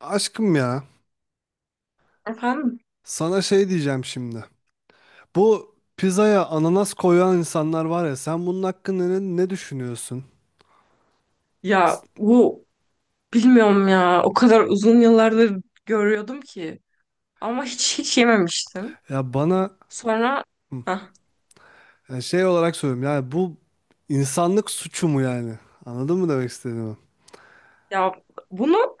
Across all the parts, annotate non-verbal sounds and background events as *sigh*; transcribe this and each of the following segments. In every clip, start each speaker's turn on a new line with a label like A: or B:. A: Aşkım ya,
B: Efendim?
A: sana şey diyeceğim şimdi. Bu pizzaya ananas koyan insanlar var ya, sen bunun hakkında ne, ne düşünüyorsun?
B: Ya bu bilmiyorum ya. O kadar uzun yıllardır görüyordum ki. Ama hiç hiç yememiştim.
A: Ya bana
B: Sonra
A: hı,
B: hah,
A: ya şey olarak söylüyorum yani bu insanlık suçu mu yani? Anladın mı demek istediğimi?
B: ya bunu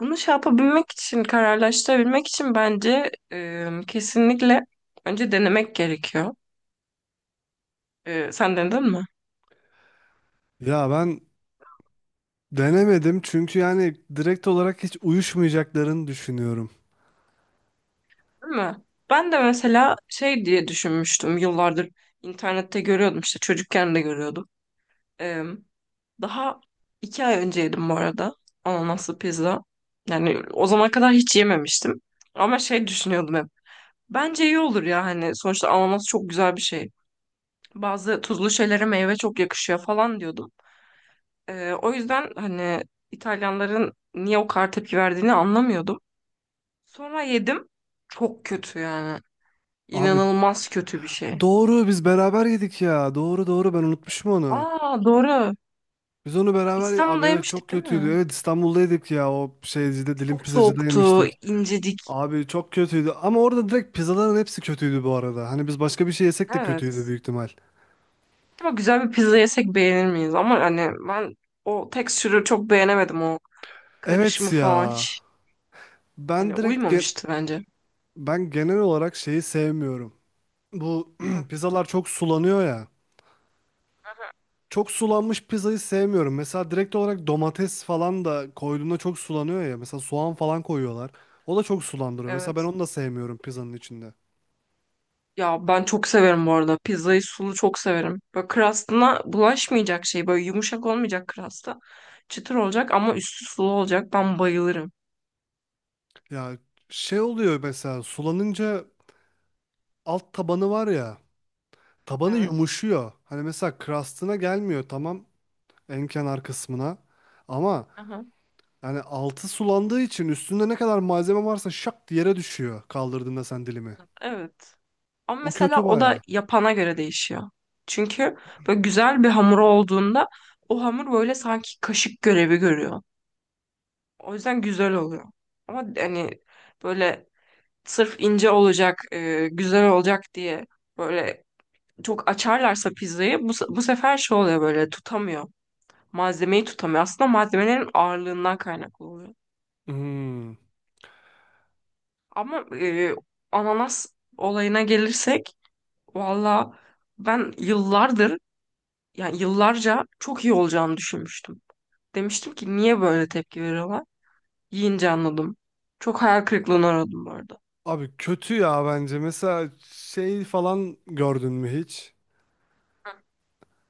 B: bunu şey yapabilmek için kararlaştırabilmek için bence kesinlikle önce denemek gerekiyor. E, sen denedin mi?
A: Ya ben denemedim çünkü yani direkt olarak hiç uyuşmayacaklarını düşünüyorum.
B: Değil mi? Ben de mesela şey diye düşünmüştüm yıllardır internette görüyordum işte çocukken de görüyordum. Daha iki ay önce yedim bu arada ananaslı pizza. Yani o zamana kadar hiç yememiştim. Ama şey düşünüyordum hep. Bence iyi olur ya hani sonuçta ananas çok güzel bir şey. Bazı tuzlu şeylere meyve çok yakışıyor falan diyordum. O yüzden hani İtalyanların niye o kadar tepki verdiğini anlamıyordum. Sonra yedim. Çok kötü yani.
A: Abi
B: İnanılmaz kötü bir şey.
A: doğru biz beraber yedik ya. Doğru doğru ben unutmuşum onu.
B: Aa, doğru.
A: Biz onu beraber abi
B: İstanbul'da
A: evet çok
B: yemiştik değil
A: kötüydü.
B: mi?
A: Evet, İstanbul'daydık ya, o şeycide, dilim
B: Çok
A: pizzacıda
B: soğuktu,
A: yemiştik.
B: incecik.
A: Abi çok kötüydü ama orada direkt pizzaların hepsi kötüydü bu arada. Hani biz başka bir şey yesek de kötüydü
B: Evet.
A: büyük ihtimal.
B: Ama güzel bir pizza yesek beğenir miyiz? Ama hani ben o tekstürü çok beğenemedim, o karışımı
A: Evet
B: falan
A: ya.
B: hiç.
A: Ben
B: Hani
A: direkt ge-
B: uymamıştı bence.
A: Ben genel olarak şeyi sevmiyorum. Bu
B: Hı.
A: *clears throat* pizzalar çok sulanıyor ya. Çok sulanmış pizzayı sevmiyorum. Mesela direkt olarak domates falan da koyduğunda çok sulanıyor ya. Mesela soğan falan koyuyorlar. O da çok sulandırıyor. Mesela ben
B: Evet.
A: onu da sevmiyorum pizzanın içinde.
B: Ya ben çok severim bu arada. Pizzayı sulu çok severim. Böyle crust'ına bulaşmayacak şey. Böyle yumuşak olmayacak crust'a. Çıtır olacak ama üstü sulu olacak. Ben bayılırım.
A: Ya şey oluyor mesela sulanınca alt tabanı var ya, tabanı
B: Evet.
A: yumuşuyor. Hani mesela crust'ına gelmiyor, tamam, en kenar kısmına, ama
B: Aha.
A: yani altı sulandığı için üstünde ne kadar malzeme varsa şak diye yere düşüyor kaldırdığında sen dilimi.
B: Evet. Ama
A: O
B: mesela
A: kötü
B: o da
A: bayağı.
B: yapana göre değişiyor. Çünkü böyle güzel bir hamur olduğunda o hamur böyle sanki kaşık görevi görüyor. O yüzden güzel oluyor. Ama hani böyle sırf ince olacak, güzel olacak diye böyle çok açarlarsa pizzayı bu sefer şey oluyor, böyle tutamıyor. Malzemeyi tutamıyor. Aslında malzemelerin ağırlığından kaynaklı oluyor.
A: Hmm.
B: Ama ananas olayına gelirsek valla ben yıllardır, yani yıllarca çok iyi olacağını düşünmüştüm. Demiştim ki niye böyle tepki veriyorlar? Yiyince anladım. Çok hayal kırıklığına uğradım bu arada.
A: Abi kötü ya bence. Mesela şey falan gördün mü hiç?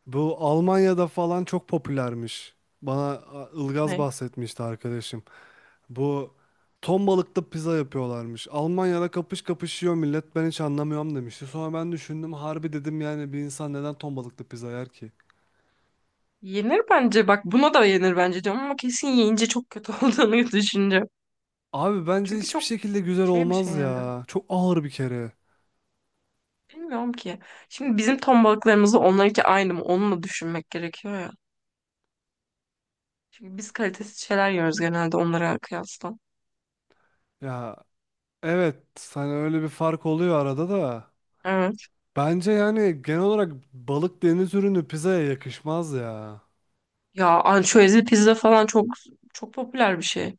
A: Bu Almanya'da falan çok popülermiş. Bana a, Ilgaz
B: Ne?
A: bahsetmişti arkadaşım. Bu ton balıklı pizza yapıyorlarmış. Almanya'da kapış kapış yiyor millet, ben hiç anlamıyorum demişti. Sonra ben düşündüm, harbi dedim yani bir insan neden ton balıklı pizza yer ki?
B: Yenir bence. Bak, buna da yenir bence diyorum ama kesin yiyince çok kötü *laughs* olduğunu düşüneceğim.
A: Abi bence
B: Çünkü
A: hiçbir
B: çok
A: şekilde güzel
B: şey bir şey
A: olmaz
B: yani.
A: ya. Çok ağır bir kere.
B: Bilmiyorum ki. Şimdi bizim ton balıklarımızla onlarınki aynı mı? Onu da düşünmek gerekiyor ya. Çünkü biz kalitesiz şeyler yiyoruz genelde onlara kıyasla.
A: Ya evet, hani öyle bir fark oluyor arada da.
B: Evet.
A: Bence yani genel olarak balık, deniz ürünü pizzaya yakışmaz ya.
B: Ya ançüezli pizza falan çok çok popüler bir şey.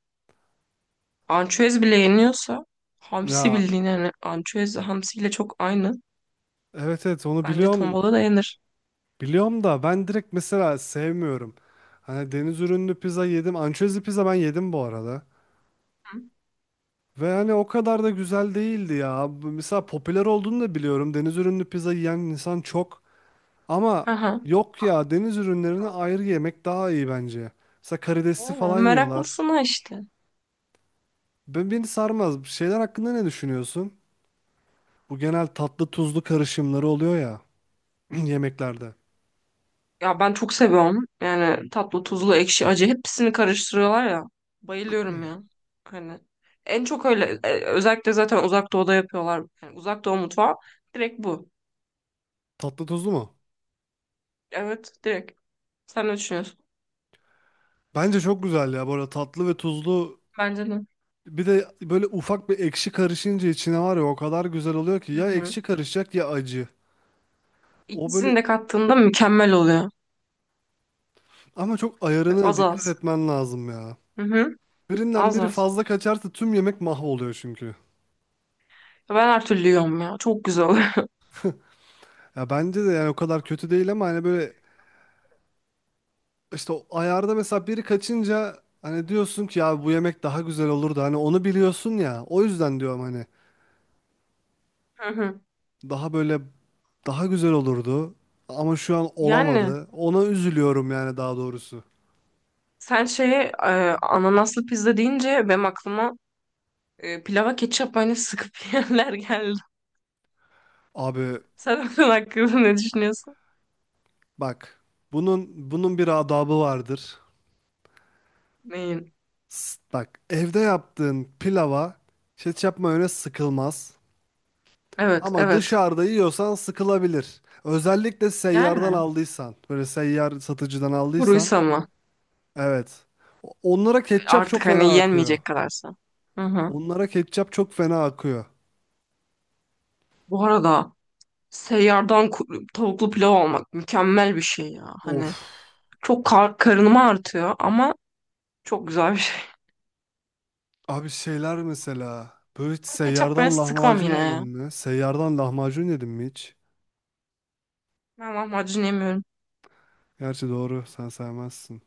B: Ançüez bile yeniyorsa hamsi
A: Ya
B: bildiğin, yani ançüez hamsiyle çok aynı.
A: evet evet, onu
B: Bence ton
A: biliyorum.
B: balığı da yenir.
A: Biliyorum da ben direkt mesela sevmiyorum. Hani deniz ürünlü pizza yedim. Ançezli pizza ben yedim bu arada. Ve hani o kadar da güzel değildi ya. Bu mesela popüler olduğunu da biliyorum. Deniz ürünlü pizza yiyen insan çok. Ama
B: Hı hı.
A: yok ya, deniz ürünlerini ayrı yemek daha iyi bence. Mesela karidesli falan
B: Yani
A: yiyorlar.
B: meraklısına işte.
A: Ben, beni sarmaz. Şeyler hakkında ne düşünüyorsun? Bu genel tatlı tuzlu karışımları oluyor ya *clears throat* yemeklerde.
B: Ya ben çok seviyorum. Yani tatlı, tuzlu, ekşi, acı hepsini karıştırıyorlar ya. Bayılıyorum ya. Hani en çok öyle özellikle zaten uzak doğuda yapıyorlar. Yani uzak doğu mutfağı direkt bu.
A: Tatlı tuzlu mu?
B: Evet, direkt. Sen ne düşünüyorsun?
A: Bence çok güzel ya. Bu arada tatlı ve tuzlu,
B: Bence de.
A: bir de böyle ufak bir ekşi karışınca içine var ya, o kadar güzel oluyor ki
B: Hı
A: ya
B: hı.
A: ekşi karışacak ya acı. O böyle,
B: İkisini de kattığında mükemmel oluyor.
A: ama çok
B: Ve
A: ayarına
B: az
A: dikkat
B: az.
A: etmen lazım ya.
B: Hı hı.
A: Birinden
B: Az
A: biri
B: az.
A: fazla kaçarsa tüm yemek mahvoluyor çünkü.
B: Ben her türlü yiyorum ya. Çok güzel *laughs* oluyor.
A: Ya bence de yani o kadar kötü değil ama hani böyle işte o ayarda mesela biri kaçınca hani diyorsun ki ya bu yemek daha güzel olurdu. Hani onu biliyorsun ya. O yüzden diyorum hani
B: Hı hı.
A: daha böyle daha güzel olurdu ama şu an
B: Yani
A: olamadı. Ona üzülüyorum yani, daha doğrusu.
B: sen şeye ananaslı pizza deyince benim aklıma pilava ketçap mayonez sıkıp *laughs* yiyenler geldi.
A: Abi
B: Sen *laughs* onun hakkında ne düşünüyorsun?
A: bak, bunun bir adabı vardır.
B: Neyin?
A: Bak, evde yaptığın pilava ketçap mayonez sıkılmaz.
B: Evet,
A: Ama
B: evet.
A: dışarıda yiyorsan sıkılabilir. Özellikle seyyardan
B: Yani
A: aldıysan, böyle seyyar satıcıdan aldıysan,
B: kuruysa mı?
A: evet. Onlara ketçap çok
B: Artık hani
A: fena akıyor.
B: yenmeyecek kadarsa. Hı hı.
A: Onlara ketçap çok fena akıyor.
B: Bu arada seyyardan tavuklu pilav almak mükemmel bir şey ya.
A: Of.
B: Hani çok karınımı artıyor ama çok güzel bir şey.
A: Abi şeyler mesela, böyle hiç
B: Ben ketçap böyle
A: seyyardan
B: sıkmam
A: lahmacun
B: yine
A: yedin
B: ya.
A: mi? Seyyardan lahmacun yedin mi hiç?
B: Ben lahmacun yemiyorum.
A: Gerçi doğru, sen sevmezsin.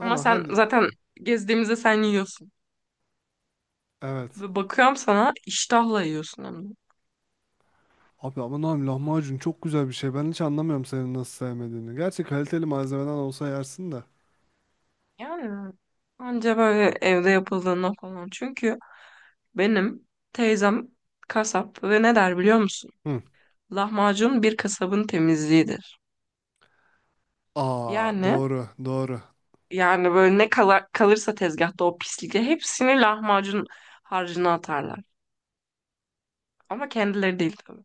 B: Ama sen
A: hadi,
B: zaten gezdiğimizde sen yiyorsun.
A: evet.
B: Ve bakıyorum, sana iştahla yiyorsun hem de.
A: Abi aman abi lahmacun çok güzel bir şey. Ben hiç anlamıyorum senin nasıl sevmediğini. Gerçi kaliteli malzemeden olsa yersin de.
B: Yani anca böyle evde yapıldığında falan. Çünkü benim teyzem kasap ve ne der biliyor musun?
A: Hı.
B: Lahmacun bir kasabın temizliğidir.
A: Aa
B: Yani
A: doğru doğru.
B: böyle kalırsa tezgahta o pislikle hepsini lahmacun harcına atarlar. Ama kendileri değil tabii.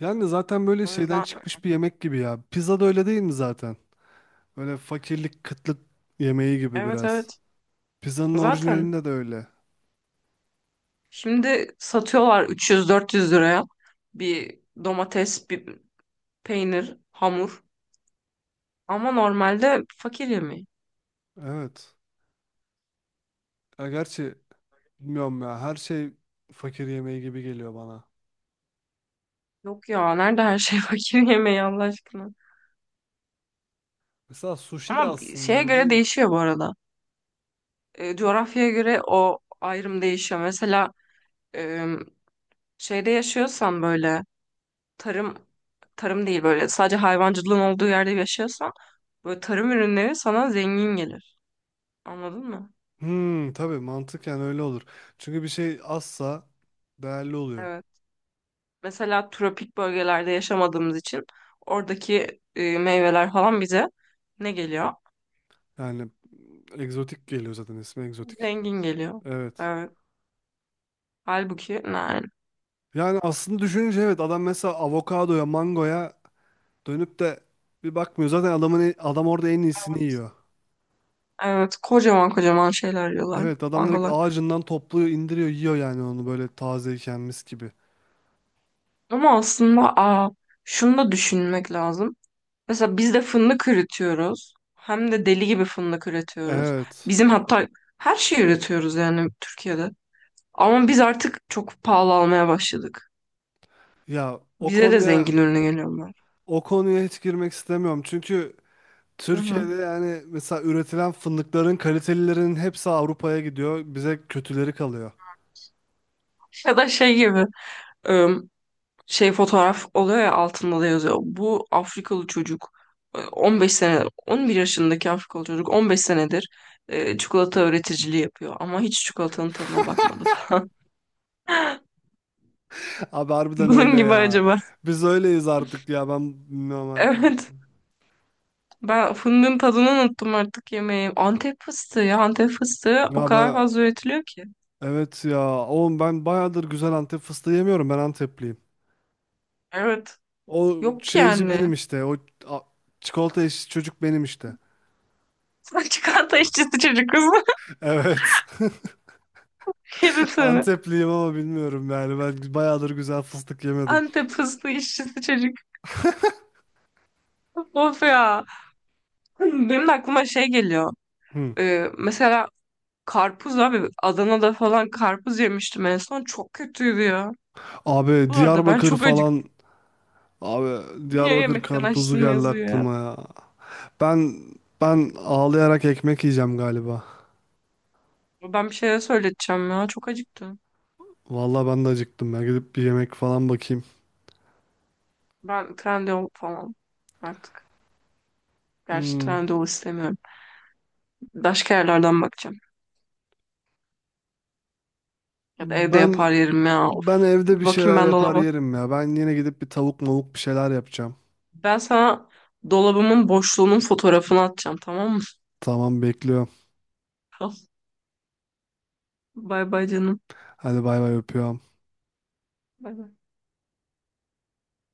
A: Yani zaten böyle
B: O
A: şeyden
B: yüzden
A: çıkmış bir yemek gibi ya. Pizza da öyle değil mi zaten? Böyle fakirlik kıtlık yemeği gibi
B: evet,
A: biraz.
B: evet.
A: Pizzanın
B: Zaten
A: orijinalinde de öyle.
B: şimdi satıyorlar 300-400 liraya bir domates, bir peynir, hamur. Ama normalde fakir yemeği.
A: Evet. Ya gerçi bilmiyorum ya, her şey fakir yemeği gibi geliyor bana.
B: Yok ya, nerede her şey *laughs* fakir yemeği Allah aşkına.
A: Mesela sushi de
B: Ama
A: aslında
B: şeye
A: öyle
B: göre
A: değil mi?
B: değişiyor bu arada. E, coğrafyaya göre o ayrım değişiyor. Mesela e, şeyde yaşıyorsan böyle tarım tarım değil, böyle sadece hayvancılığın olduğu yerde yaşıyorsan böyle tarım ürünleri sana zengin gelir. Anladın mı?
A: Hmm, tabii mantıken öyle olur. Çünkü bir şey azsa değerli oluyor.
B: Evet. Mesela tropik bölgelerde yaşamadığımız için oradaki meyveler falan bize ne geliyor?
A: Yani egzotik geliyor, zaten ismi egzotik.
B: Zengin geliyor.
A: Evet.
B: Evet. Halbuki yani
A: Yani aslında düşününce evet, adam mesela avokadoya, mangoya dönüp de bir bakmıyor. Zaten adamın adam orada en iyisini yiyor.
B: evet, kocaman kocaman şeyler yiyorlar,
A: Evet, adam direkt
B: mangolar.
A: ağacından topluyor, indiriyor, yiyor yani onu böyle tazeyken mis gibi.
B: Ama aslında şunu da düşünmek lazım. Mesela biz de fındık üretiyoruz. Hem de deli gibi fındık üretiyoruz.
A: Evet.
B: Bizim hatta her şeyi üretiyoruz, yani Türkiye'de. Ama biz artık çok pahalı almaya başladık.
A: Ya o
B: Bize de
A: konuya
B: zengin ürünü geliyorlar.
A: o konuya hiç girmek istemiyorum. Çünkü
B: Hı hı.
A: Türkiye'de yani mesela üretilen fındıkların kalitelilerinin hepsi Avrupa'ya gidiyor. Bize kötüleri kalıyor.
B: Ya da şey gibi, ım, şey fotoğraf oluyor ya, altında da yazıyor. Bu Afrikalı çocuk, 15 sene, 11 yaşındaki Afrikalı çocuk 15 senedir çikolata üreticiliği yapıyor ama hiç çikolatanın tadına bakmadı falan.
A: Abi
B: *laughs*
A: harbiden öyle
B: Bunun gibi
A: ya.
B: acaba.
A: Biz öyleyiz artık ya. Ben bilmiyorum
B: *laughs*
A: artık.
B: Evet. Ben fındığın tadını unuttum, artık yemeği. Antep fıstığı ya. Antep fıstığı o
A: Ya
B: kadar
A: ben
B: fazla üretiliyor ki.
A: evet ya. Oğlum ben bayağıdır güzel Antep fıstığı yemiyorum. Ben Antepliyim.
B: Evet.
A: O
B: Yok ki
A: şeyci
B: yani.
A: benim işte. O a- çikolata eşi çocuk benim işte.
B: *laughs* Sen çikolata işçisi çocuk kız.
A: *laughs* Evet.
B: *laughs* Yerim
A: *laughs*
B: seni.
A: Antepliyim ama bilmiyorum yani. Ben bayağıdır güzel fıstık yemedim.
B: Antep fıstığı işçisi çocuk. Of ya. Benim de aklıma şey geliyor.
A: Hı.
B: Mesela karpuz abi. Adana'da falan karpuz yemiştim en son. Çok kötüydü ya.
A: Abi
B: Bu arada ben
A: Diyarbakır
B: çok
A: falan.
B: acıktım.
A: Abi
B: Niye
A: Diyarbakır
B: yemekten
A: karpuzu
B: açtın
A: geldi
B: yazıyor ya.
A: aklıma ya. Ben ben ağlayarak ekmek yiyeceğim galiba.
B: Ben bir şeyler söyleteceğim ya. Çok acıktım.
A: Vallahi ben de acıktım. Ben gidip bir yemek falan bakayım.
B: Ben trendyol falan artık. Gerçi
A: Hmm.
B: Trendyol istemiyorum. Başka yerlerden bakacağım. Ya da evde yapar
A: Ben
B: yerim ya. Of.
A: ben evde
B: Bir
A: bir
B: bakayım
A: şeyler
B: ben
A: yapar
B: dolaba.
A: yerim ya. Ben yine gidip bir tavuk mavuk bir şeyler yapacağım.
B: Ben sana dolabımın boşluğunun fotoğrafını atacağım, tamam mı?
A: Tamam, bekliyorum.
B: *laughs* Tamam. Bay bay canım.
A: Hadi bay bay, öpüyorum.
B: Bay bay.